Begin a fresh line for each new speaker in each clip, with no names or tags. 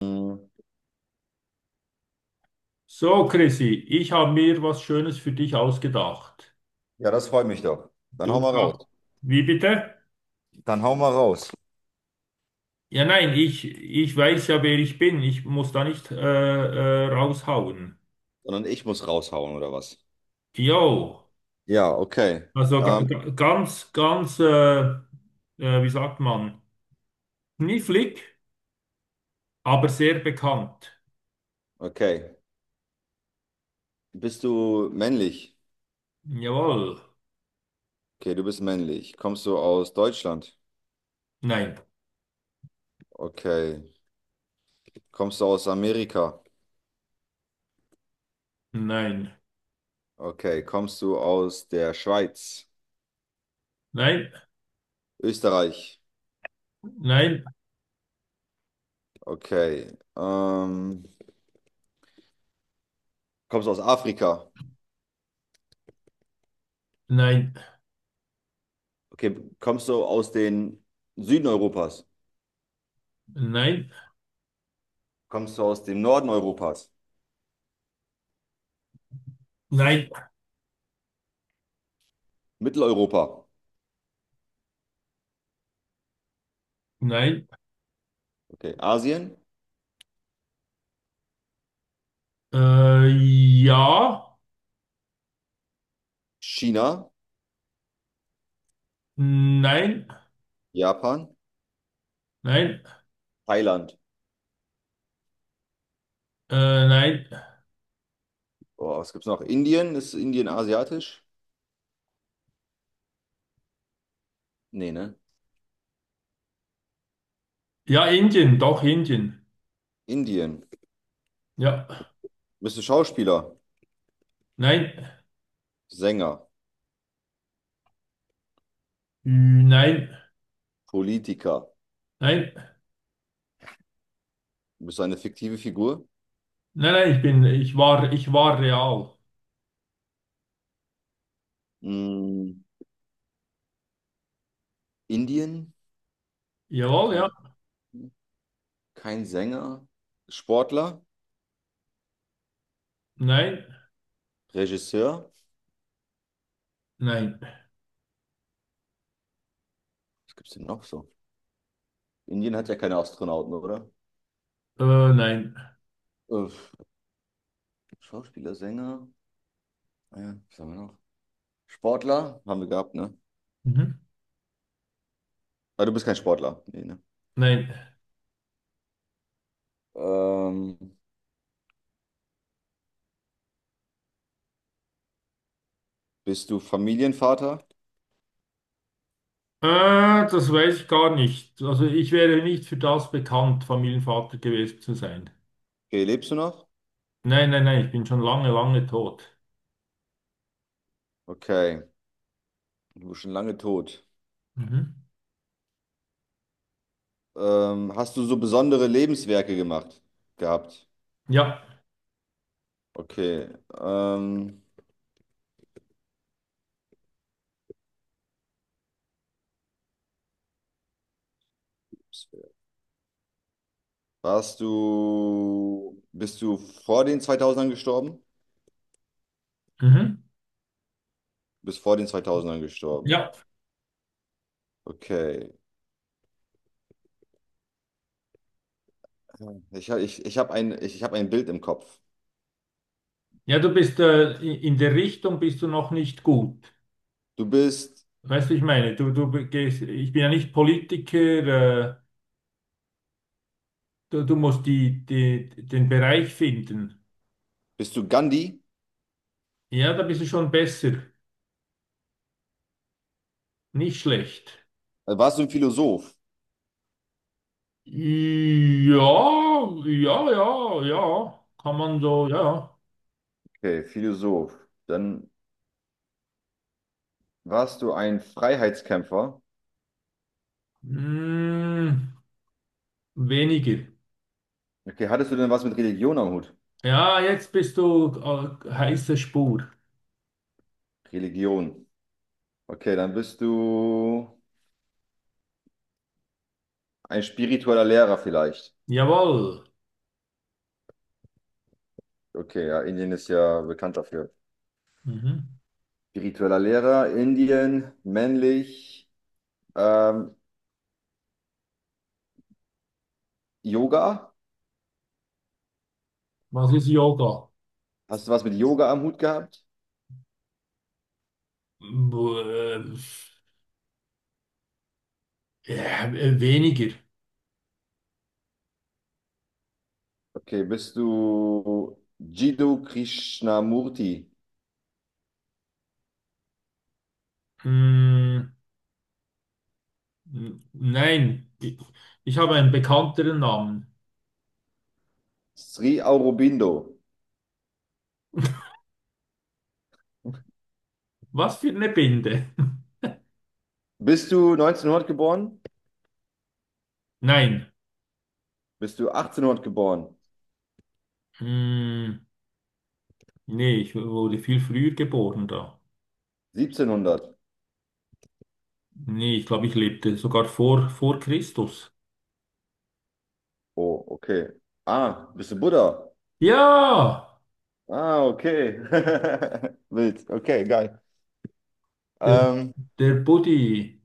Ja,
So, Chrissy, ich habe mir was Schönes für dich ausgedacht.
das freut mich doch. Dann hau
Du
mal raus.
kannst. Wie bitte?
Dann hau mal raus.
Ja, nein, ich weiß ja, wer ich bin. Ich muss da nicht raushauen.
Sondern ich muss raushauen, oder was?
Jo,
Ja, okay.
also
Ähm,
ganz, wie sagt man, knifflig, aber sehr bekannt.
okay. Bist du männlich?
Jawohl.
Okay, du bist männlich. Kommst du aus Deutschland?
Nein,
Okay. Kommst du aus Amerika?
nein,
Okay. Kommst du aus der Schweiz?
nein,
Österreich?
nein,
Okay. Kommst du aus Afrika?
nein,
Okay. Kommst du aus den Süden Europas?
nein,
Kommst du aus dem Norden Europas?
nein,
Mitteleuropa?
nein.
Okay. Asien?
Ja,
China,
nein,
Japan,
nein.
Thailand.
Nein.
Boah, was gibt's noch? Indien? Ist Indien asiatisch? Nee, ne?
Ja, Indien, doch Indien.
Indien.
Ja.
Bist du Schauspieler,
Nein.
Sänger,
Ü, nein.
Politiker?
Nein.
Bist du eine fiktive Figur?
Nein, nein, ich bin, ich war real.
Mm, Indien?
Jawohl,
Kein,
ja.
kein Sänger? Sportler?
Nein.
Regisseur?
Nein.
Was gibt's denn noch so? Indien hat ja keine Astronauten, oder?
Nein.
Äh, Schauspieler, Sänger? Ah ja, was haben wir noch? Sportler? Haben wir gehabt, ne?
Mhm.
Ah, du bist kein Sportler. Nee, ne?
Nein.
Ähm, bist du Familienvater?
Äh, das weiß ich gar nicht. Also ich wäre nicht für das bekannt, Familienvater gewesen zu sein.
Okay, lebst du noch?
Nein, nein, nein, ich bin schon lange, lange tot.
Okay, du bist schon lange tot.
Mhm.
Hast du so besondere Lebenswerke gemacht? Gehabt?
Ja.
Okay. Ähm, bist du vor den 2000ern gestorben?
Mhm.
Du bist vor den 2000ern gestorben.
Ja.
Okay. Ich hab ein Bild im Kopf.
Ja, du bist, in der Richtung bist du noch nicht gut.
Du bist,
Weißt du, wie ich meine? Du gehst, ich bin ja nicht Politiker, du, du musst den Bereich finden.
bist du Gandhi?
Ja, da bist du schon besser. Nicht schlecht.
Warst du ein Philosoph?
Ja, ja, ja, ja. Kann man so, ja.
Okay, Philosoph. Dann warst du ein Freiheitskämpfer?
Hm, weniger.
Okay, hattest du denn was mit Religion am Hut?
Ja, jetzt bist du heiße Spur.
Religion. Okay, dann bist du ein spiritueller Lehrer vielleicht.
Jawohl.
Okay, ja, Indien ist ja bekannt dafür.
Mhm.
Spiritueller Lehrer, Indien, männlich, ähm, Yoga.
Was ist Yoga?
Hast du was mit Yoga am Hut gehabt?
Buh, ja, weniger.
Okay, bist du Jiddu Krishnamurti,
Hm. Nein, ich habe einen bekannteren Namen.
Sri Aurobindo.
Was für eine Binde?
Bist du 1900 geboren?
Nein.
Bist du 1800 geboren?
Hm, nee, ich wurde viel früher geboren da.
1700?
Nee, ich glaube, ich lebte sogar vor Christus.
Oh, okay. Ah, bist du Buddha?
Ja,
Ah, okay. Wild. Okay, geil.
der,
Ähm,
der Buddy.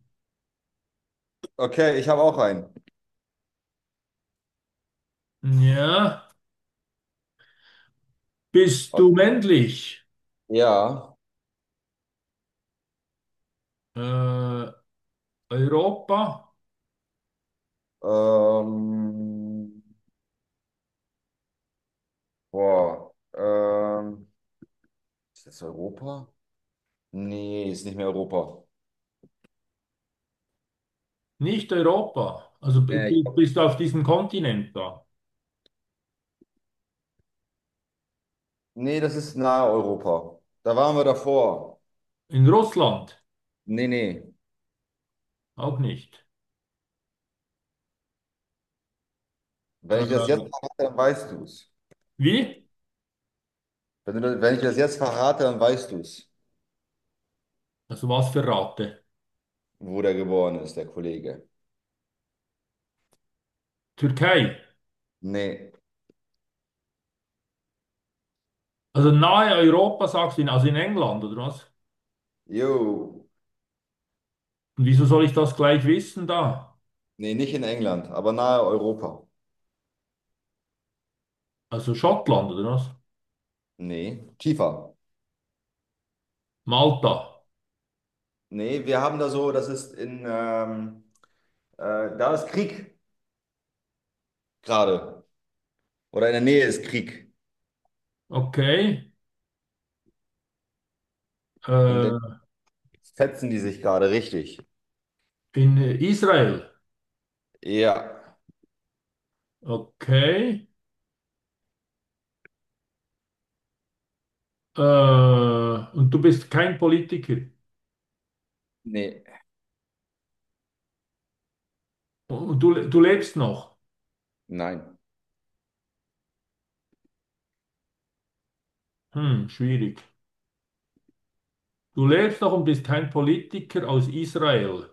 okay, ich habe auch einen.
Ja, bist
O-
du männlich?
Ja.
Äh, Europa?
Ähm, boah. Ist das Europa? Nee, ist nicht mehr Europa.
Nicht Europa. Also
Nee, ich,
bist du auf diesem Kontinent da?
Nee, das ist nahe Europa. Da waren wir davor.
In Russland?
Nee, nee.
Auch nicht.
Wenn ich das jetzt
Äh,
verrate, dann weißt du es.
wie?
Wenn ich das jetzt verrate, dann weißt du es,
Also was für Ratte?
wo der geboren ist, der Kollege.
Türkei.
Nee.
Also nahe Europa, sagst du, also in England, oder was?
Jo.
Und wieso soll ich das gleich wissen da?
Nee, nicht in England, aber nahe Europa.
Also Schottland, oder was?
Nee, tiefer.
Malta.
Nee, wir haben da so, das ist in, äh, da ist Krieg gerade. Oder in der Nähe ist Krieg.
Okay.
In der
Äh,
Fetzen die sich gerade, richtig.
in Israel.
Ja.
Okay. Und du bist kein Politiker.
Nee,
Und du lebst noch.
nein,
Hm, schwierig. Du lebst noch und bist kein Politiker aus Israel.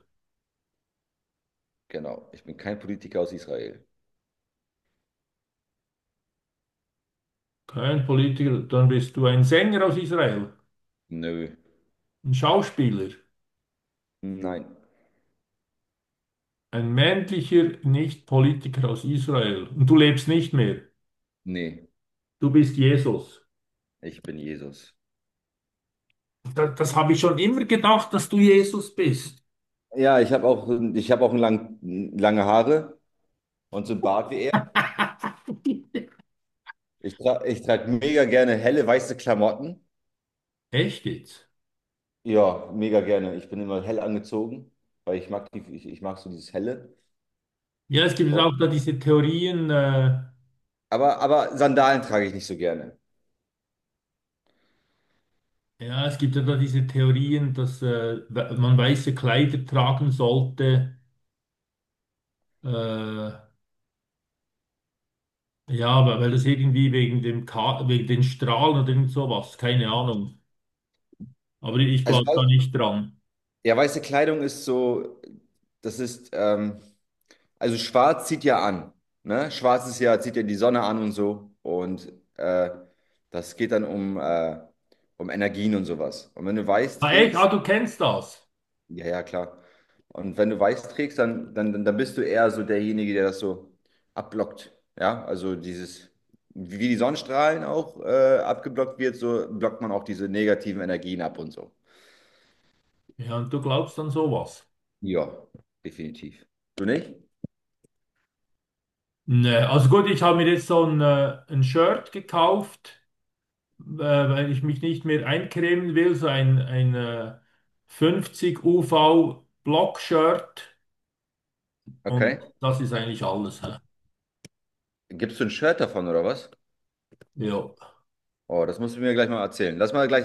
genau. Ich bin kein Politiker aus Israel.
Kein Politiker, dann bist du ein Sänger aus Israel.
Nö.
Ein Schauspieler.
Nein.
Ein männlicher Nicht-Politiker aus Israel. Und du lebst nicht mehr.
Nee,
Du bist Jesus.
ich bin Jesus.
Das, das habe ich schon immer gedacht, dass du Jesus bist.
Ja, ich habe auch lange Haare und so einen Bart wie er. Ich trage mega gerne helle weiße Klamotten.
Echt jetzt?
Ja, mega gerne. Ich bin immer hell angezogen, weil ich mag so dieses Helle.
Ja, es gibt
Oh.
auch da diese Theorien,
Aber Sandalen trage ich nicht so gerne.
ja, es gibt ja da diese Theorien, dass man weiße Kleider tragen sollte, äh, ja, weil, weil das irgendwie wegen dem Ka wegen den Strahlen oder irgend sowas, keine Ahnung. Aber ich glaube da
Also,
nicht dran.
ja, weiße Kleidung ist so, das ist, also schwarz zieht ja an, ne? Schwarz ist ja, zieht ja die Sonne an und so. Und das geht dann um, um Energien und sowas. Und wenn du weiß
Ah, echt? Ah,
trägst,
du kennst das?
ja, ja, klar. Und wenn du weiß trägst, dann bist du eher so derjenige, der das so abblockt. Ja, also dieses, wie die Sonnenstrahlen auch abgeblockt wird, so blockt man auch diese negativen Energien ab und so.
Ja, und du glaubst an sowas.
Ja, definitiv. Du nicht?
Ne, also gut, ich habe mir jetzt so ein Shirt gekauft, weil ich mich nicht mehr eincremen will, so ein, ein 50 UV Block-Shirt und
Okay.
das ist eigentlich alles. Hä?
Gibst du ein Shirt davon oder was?
Ja.
Oh, das musst du mir gleich mal erzählen. Lass mal gleich.